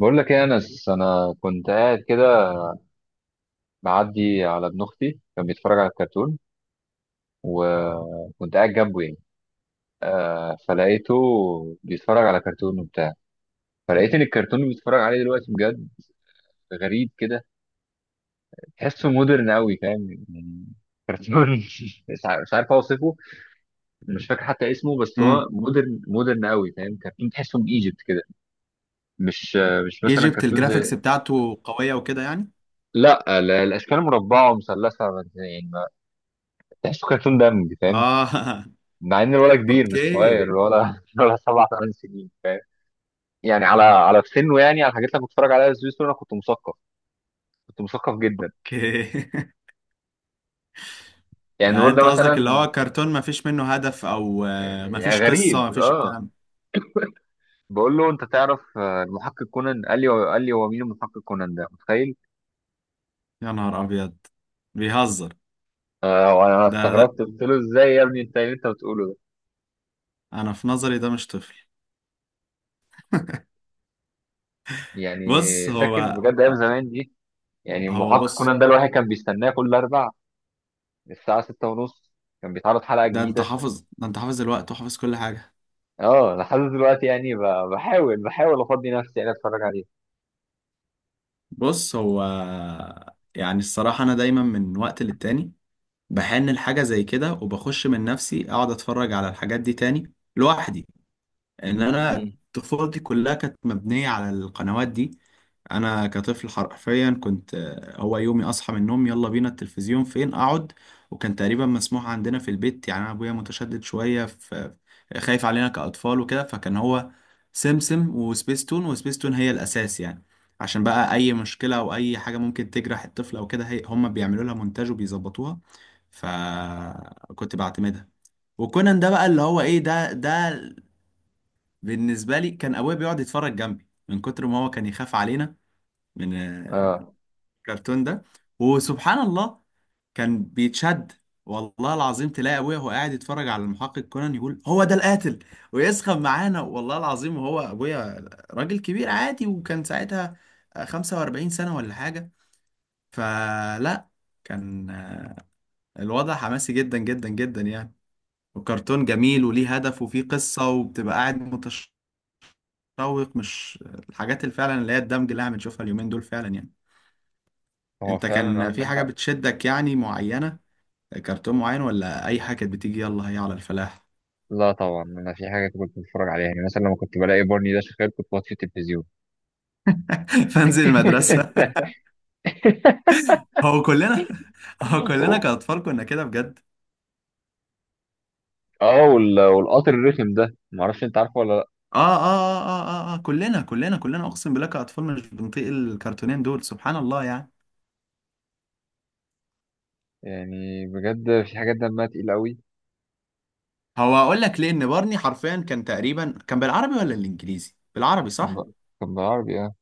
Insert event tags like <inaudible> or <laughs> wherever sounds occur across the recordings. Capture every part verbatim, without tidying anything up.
بقول لك ايه يا انس، انا كنت قاعد كده معدي على ابن اختي كان بيتفرج على الكرتون، وكنت قاعد جنبه يعني. فلقيته بيتفرج على كرتون وبتاع. فلقيت ان الكرتون اللي بيتفرج عليه دلوقتي بجد غريب كده، تحسه مودرن قوي فاهم يعني. كرتون <laughs> مش عارف مش عارف اوصفه. مش فاكر حتى اسمه، بس هو امم مودرن مودرن قوي فاهم، كرتون تحسه من ايجيبت كده. مش مش مثلا ايجيبت كرتون زي، الجرافيكس بتاعته قوية وكده يعني. لا ال- الاشكال مربعه ومثلثه، يعني ما- تحسه كرتون دمج فاهم. اه، مع ان الولد <laughs> كبير مش اوكي، صغير، ولا ولا سبع ثمان <laughs> سنين. يعني على على في سنه، يعني على الحاجات اللي أنا كنت بتفرج عليها سويس انا كنت مثقف، كنت مثقف جدا. اوكي <laughs> يعني يعني الولد ده انت قصدك اللي مثلا هو كرتون ما فيش منه هدف او آه، ما فيش يعني قصة، غريب ما فيش اه. الكلام. بقول له انت تعرف آه، المحقق كونان؟ قال لي قال لي هو مين المحقق كونان ده؟ متخيل! يا نهار ابيض، بيهزر. آه وانا ده ده، استغربت قلت له ازاي يا ابني، انت إيه اللي انت بتقوله ده؟ انا في نظري ده مش طفل. يعني بص فاكر هو بجد ايام زمان دي، يعني هو المحقق بص كونان ده الواحد كان بيستناه كل اربع الساعه السادسة والنصف، كان بيتعرض حلقه ده انت جديده. حافظ ده انت حافظ الوقت وحافظ كل حاجة. اه لحد دلوقتي يعني ب- بحاول بحاول افضي نفسي يعني اتفرج عليه. بص هو، يعني الصراحة انا دايما من وقت للتاني بحن لحاجة زي كده، وبخش من نفسي اقعد اتفرج على الحاجات دي تاني لوحدي. ان انا مم. طفولتي كلها كانت مبنيه على القنوات دي. انا كطفل حرفيا كنت، آه، هو يومي اصحى من النوم يلا بينا التلفزيون فين اقعد. وكان تقريبا مسموح عندنا في البيت، يعني انا ابويا متشدد شويه في، خايف علينا كاطفال وكده، فكان هو سمسم وسبيستون، وسبيستون هي الاساس يعني. عشان بقى اي مشكله او اي حاجه ممكن تجرح الطفل او كده، هي هم بيعملوا لها مونتاج وبيظبطوها، فكنت بعتمدها. وكونان ده بقى اللي هو ايه، ده ده بالنسبة لي كان أبويا بيقعد يتفرج جنبي من كتر ما هو كان يخاف علينا من، آه، اه الكرتون ده. وسبحان الله كان بيتشد. والله العظيم، تلاقي أبويا وهو قاعد يتفرج على المحقق كونان يقول هو ده القاتل، ويسخن معانا والله العظيم. وهو أبويا راجل كبير عادي، وكان ساعتها آه، خمسة وأربعين سنة ولا حاجة. فلا، كان آه، الوضع حماسي جدا جدا جدا يعني، وكرتون جميل وليه هدف وفيه قصة وبتبقى قاعد تشوق، مش الحاجات اللي فعلا اللي هي الدمج اللي احنا بنشوفها اليومين دول فعلا يعني. هو انت فعلا كان في عندك حاجة حق. بتشدك يعني معينة، كرتون معين، ولا اي حاجة كانت بتيجي يلا هي على الفلاح؟ لا طبعا انا في حاجه كنت بتفرج عليها، يعني مثلا لما كنت بلاقي بارني ده شغال كنت بطفي التلفزيون. <laughs> فانزل المدرسة. <laughs> <laughs> هو كلنا هو كلنا كأطفال كنا كده بجد. اه وال- والقطر الرخم ده، ما اعرفش انت عارفه ولا لا؟ آه آه, آه آه آه آه كلنا كلنا كلنا أقسم بالله كأطفال مش بنطيق الكرتونين دول، سبحان الله يعني. يعني بجد في حاجات دمها تقيل قوي. هو أقول لك ليه، إن بارني حرفيا كان تقريبا كان بالعربي ولا الإنجليزي؟ بالعربي كان صح؟ ب- كان بالعربي اه.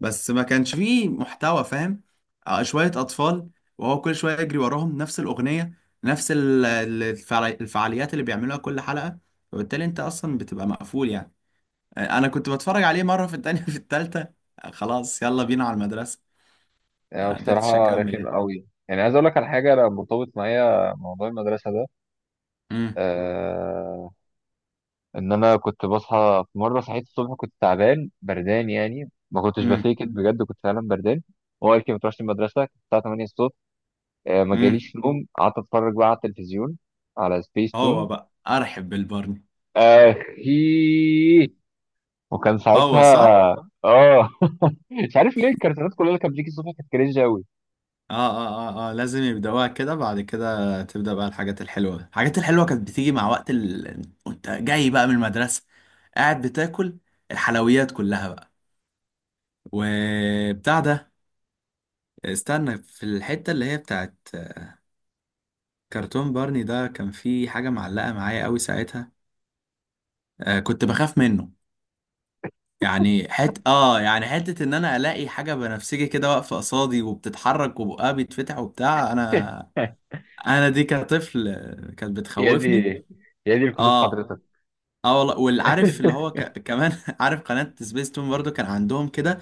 بس ما كانش فيه محتوى فاهم. آه، شوية أطفال وهو كل شوية يجري وراهم نفس الأغنية، نفس ال- ال- الفعالي- الفعاليات اللي بيعملوها كل حلقة، وبالتالي أنت أصلا بتبقى مقفول يعني. آه، أنا كنت بتفرج عليه مرة، في التانية <laughs> في التالتة، آه، خلاص يلا بينا على المدرسة، يعني ما قدرتش بصراحه أكمل رخم يعني. قوي. يعني عايز اقول لك على حاجه، انا مرتبط معايا موضوع المدرسه ده. امم آه ان انا كنت بصحى في مره صحيت الصبح كنت تعبان بردان، يعني ما كنتش امم بفيك it بجد، كنت فعلا بردان. هو قال لي ما تروحش المدرسه، كانت الساعه تمانية الصبح. آه، ما امم جاليش نوم، قعدت اتفرج بقى على التلفزيون، على سبيس هو تون بقى أرحب بالبرني. اخي. وكان هو ساعتها صح. اه <laughs> مش عارف ليه الكرتونات كلها اللي كانت بتيجي الصبح كانت كرينج قوي. اه اه اه اه لازم يبدأوها كده، بعد كده تبدأ بقى الحاجات الحلوة، الحاجات الحلوة كانت بتيجي مع وقت ال... وانت جاي بقى من المدرسة قاعد بتاكل الحلويات كلها بقى وبتاع ده. استنى، في الحتة اللي هي بتاعت كرتون بارني ده كان في حاجة معلقة معايا قوي ساعتها. آه، كنت بخاف منه، يعني حت اه يعني حتة ان انا الاقي حاجة بنفسجي كده واقفة قصادي وبتتحرك وبقها بيتفتح وبتاع. انا <laughs> انا دي كطفل كانت يا دي، بتخوفني. يا دي الكسوف اه حضرتك. اه والله والعارف اللي هو ك... <laughs> كمان <laughs> عارف قناة سبيس تون برضو كان عندهم كده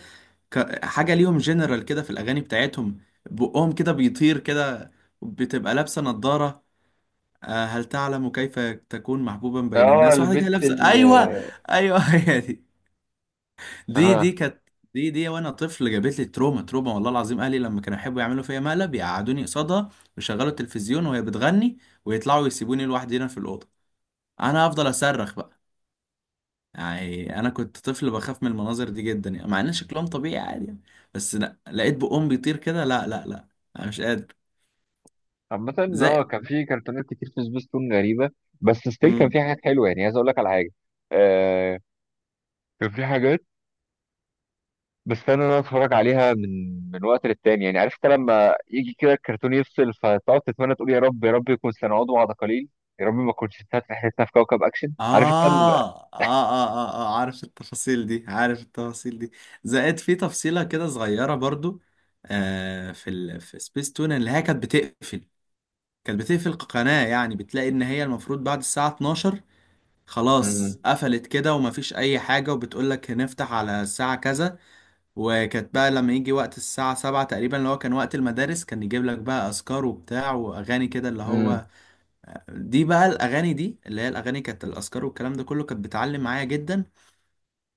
ك... حاجة ليهم جنرال كده في الأغاني بتاعتهم، بقهم كده بيطير كده، بتبقى لابسة نظارة. آه، هل تعلم كيف تكون محبوبا بين اه الناس؟ واحدة كده البت لابسة، ال أيوه، أيوه <laughs> هي دي. دي اه دي كانت، دي دي وأنا طفل جابت لي تروما، تروما والله العظيم. أهلي لما كانوا يحبوا يعملوا فيا مقلب، يقعدوني قصادها ويشغلوا التلفزيون وهي بتغني، ويطلعوا يسيبوني لوحدي هنا في الأوضة، أنا أفضل أصرخ بقى. يعني انا كنت طفل بخاف من المناظر دي جدا، يعني مع ان شكلهم طبيعي عادي يعني. بس لا، لقيت بقهم بيطير كده، لا لا لا، انا مش قادر عامة. زي. اه كان في كرتونات كتير في سبيس تون غريبة، بس ستيل كان امم في حاجات حلوة. يعني عايز اقول لك على حاجة، آه كان في حاجات بستنى ان انا اتفرج عليها من من وقت للتاني. يعني عرفت لما يجي كده الكرتون يفصل، فتقعد تتمنى تقول يا رب يا رب يكون سنعود بعد قليل، يا رب ما كنتش انتهت رحلتنا في كوكب اكشن. عارف انت ال-؟ آه. آه, آه, اه اه عارف التفاصيل دي، عارف التفاصيل دي. زائد، في تفصيلة كده صغيرة برضو، آه، في ال... في سبيس تون اللي هي كانت بتقفل، كانت بتقفل قناة يعني، بتلاقي ان هي المفروض بعد الساعة اتناشر مم. خلاص قفلت كده، ومفيش اي حاجة، وبتقول لك هنفتح على الساعة كذا. وكانت بقى لما يجي وقت الساعة سبعة تقريبا، اللي هو كان وقت المدارس، كان يجيب لك بقى أذكار وبتاع وأغاني كده، اللي مم. هو دي بقى الأغاني دي اللي هي الأغاني، كانت الأذكار والكلام ده كله كانت بتعلم معايا جدا.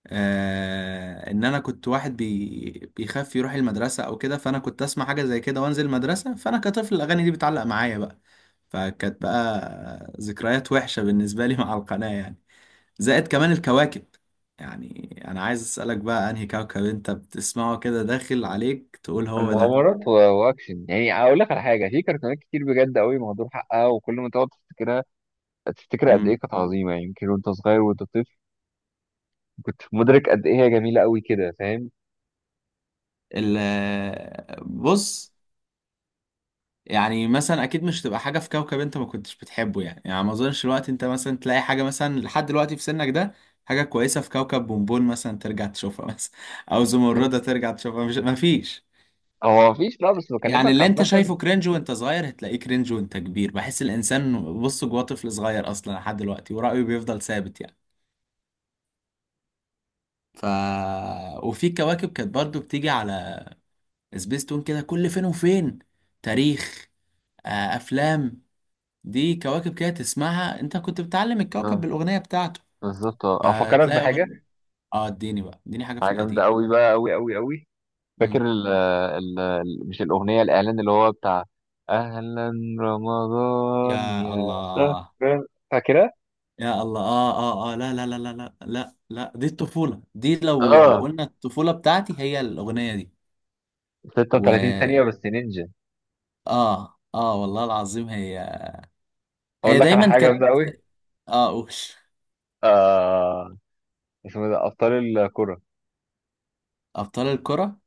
آه، إن أنا كنت واحد بي بيخاف يروح المدرسة أو كده، فأنا كنت أسمع حاجة زي كده وأنزل المدرسة، فأنا كطفل الأغاني دي بتعلق معايا بقى. فكانت بقى ذكريات وحشة بالنسبة لي <laughs> مع القناة يعني. زائد كمان الكواكب، يعني انا عايز اسالك بقى، انهي كوكب انت بتسمعه كده داخل عليك تقول هو ده؟ مغامرات و- واكشن. يعني اقول لك على حاجة، في كرتونات كتير بجد قوي مهدور حقها، وكل ما تقعد تفتكرها تفتكر قد امم ايه كانت عظيمة. يعني يمكن وانت صغير وانت طفل كنت مدرك قد ايه هي جميله قوي كده فاهم. ال بص، يعني مثلا اكيد مش تبقى حاجه في كوكب انت ما كنتش بتحبه يعني، يعني ما اظنش الوقت انت مثلا تلاقي حاجه، مثلا لحد دلوقتي في سنك ده، حاجه كويسه في كوكب بونبون مثلا ترجع تشوفها مثلا، <laughs> او زمرده كان- ترجع تشوفها، مش ما فيش. هو مفيش بقى، بس يعني بكلمك اللي انت عامه. شايفه كرنج وانت صغير هتلاقيه كرنج وانت كبير، بحس الانسان بص جواه طفل صغير اصلا لحد دلوقتي ورايه بيفضل ثابت يعني. ف وفي كواكب كانت برضو بتيجي على سبيستون كده كل فين وفين، تاريخ، آه، افلام، دي كواكب كده تسمعها، انت كنت بتعلم الكوكب اه بالاغنيه بتاعته، بالظبط. اه افكرك فتلاقي بحاجه، أغن... اه، اديني بقى، اديني حاجه في حاجه جامده القديم. قوي بقى، قوي قوي قوي. فاكر مم. ال ال ال- مش الاغنيه، الاعلان اللي هو بتاع اهلا رمضان يا يا شهر؟ الله، فاكرها؟ يا الله، اه اه اه، لا لا لا لا لا لا لا، دي الطفوله دي، لو لو اه قلنا الطفوله بتاعتي هي الاغنيه دي. و ستة وتلاتين ثانيه بس نينجا. اه اه والله العظيم، هي، اقول هي لك على دايما حاجه كانت، جامده قوي. اه اوش. آه اسمه ده أبطال الكرة. ابطال الكره،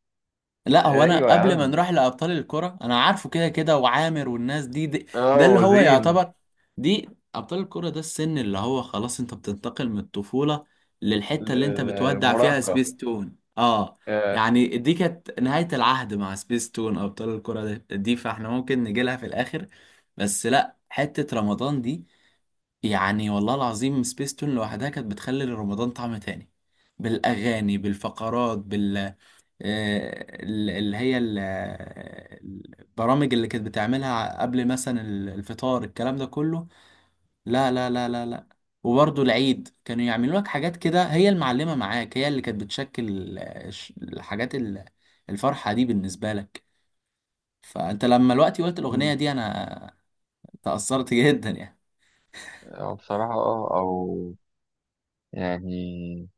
لا هو أيوة انا يا قبل ما عم، نروح لابطال الكره انا عارفه كده كده، وعامر والناس دي, دي اه ده اللي هو وزين. يعتبر دي، ابطال الكره ده السن اللي هو خلاص انت بتنتقل من الطفوله للحته اللي انت بتودع فيها المراهقة سبيس تون، اه. آه. يعني دي كانت نهايه العهد مع سبيس تون، ابطال الكره ده- دي، فاحنا ممكن نجي لها في الاخر. بس لا، حته رمضان دي، يعني والله العظيم سبيس تون لوحدها كانت بتخلي رمضان طعم تاني، بالاغاني، بالفقرات، بال آه، ال- اللي هي ال- البرامج اللي كانت بتعملها قبل مثلا ال- الفطار، الكلام ده كله، لا لا لا لا لا. وبرضه العيد كانوا يعملوا لك حاجات كده، هي المعلمة معاك هي اللي كانت بتشكل ال- الش- الحاجات ال- الفرحة دي بالنسبة لك. فأنت لما الوقت قلت الأغنية دي، أنا تأثرت <laughs> جدا يعني. أو بصراحة اه أو يعني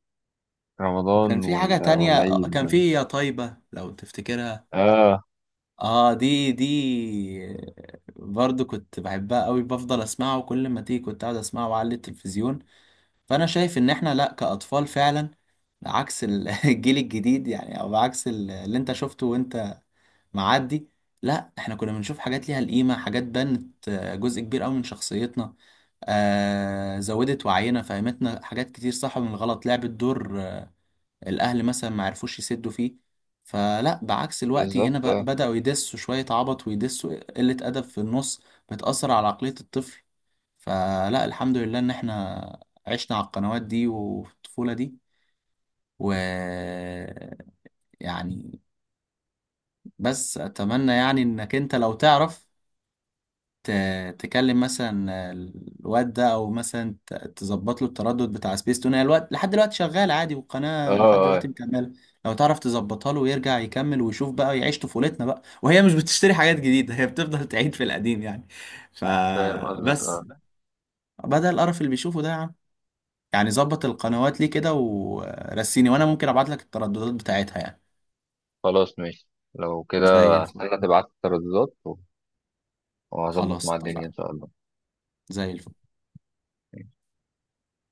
وكان رمضان في حاجة وال- تانية آه، والعيد. كان في يا طيبة، لو تفتكرها. اه اه، دي دي برضو كنت بحبها قوي، بفضل اسمعها وكل ما تيجي كنت قاعد اسمعها وأعلي التلفزيون. فانا شايف ان احنا لا، كاطفال فعلا، عكس ال- <laughs> الجيل الجديد يعني، او عكس ال- اللي انت شفته وانت معدي، لا احنا كنا بنشوف حاجات ليها القيمة، حاجات بنت آه، جزء كبير قوي من شخصيتنا، آه زودت وعينا، فهمتنا حاجات كتير، صح من الغلط، لعبت دور الاهل مثلا ما عرفوش يسدوا فيه. فلا، بعكس الوقت هنا بالظبط. ب- اه بدأوا يدسوا شوية عبط ويدسوا قلة أدب في النص، بتأثر على عقلية الطفل. فلا، الحمد لله إن إحنا عشنا على القنوات دي وفي الطفولة دي. و يعني بس أتمنى يعني إنك أنت لو تعرف ت- تكلم مثلا الواد ده، او مثلا ت- تظبط له التردد بتاع سبيس تون، هي الوقت لحد دلوقتي شغال عادي، اه والقناه لحد دلوقتي آه، مكمله. لو تعرف تظبطها له ويرجع يكمل ويشوف بقى، يعيش طفولتنا بقى، وهي مش بتشتري حاجات جديده، هي بتفضل تعيد في القديم يعني، فاهم قصدك فبس، اه. بدل القرف اللي بيشوفه ده يا عم. يعني ظبط القنوات ليه كده ورسيني، وانا ممكن ابعت لك الترددات بتاعتها يعني. خلاص ماشي، لو كده زي الفل. هستنى تبعت الترددات وهظبط خلاص مع الدنيا إن اتفقنا. شاء الله. زي الفل.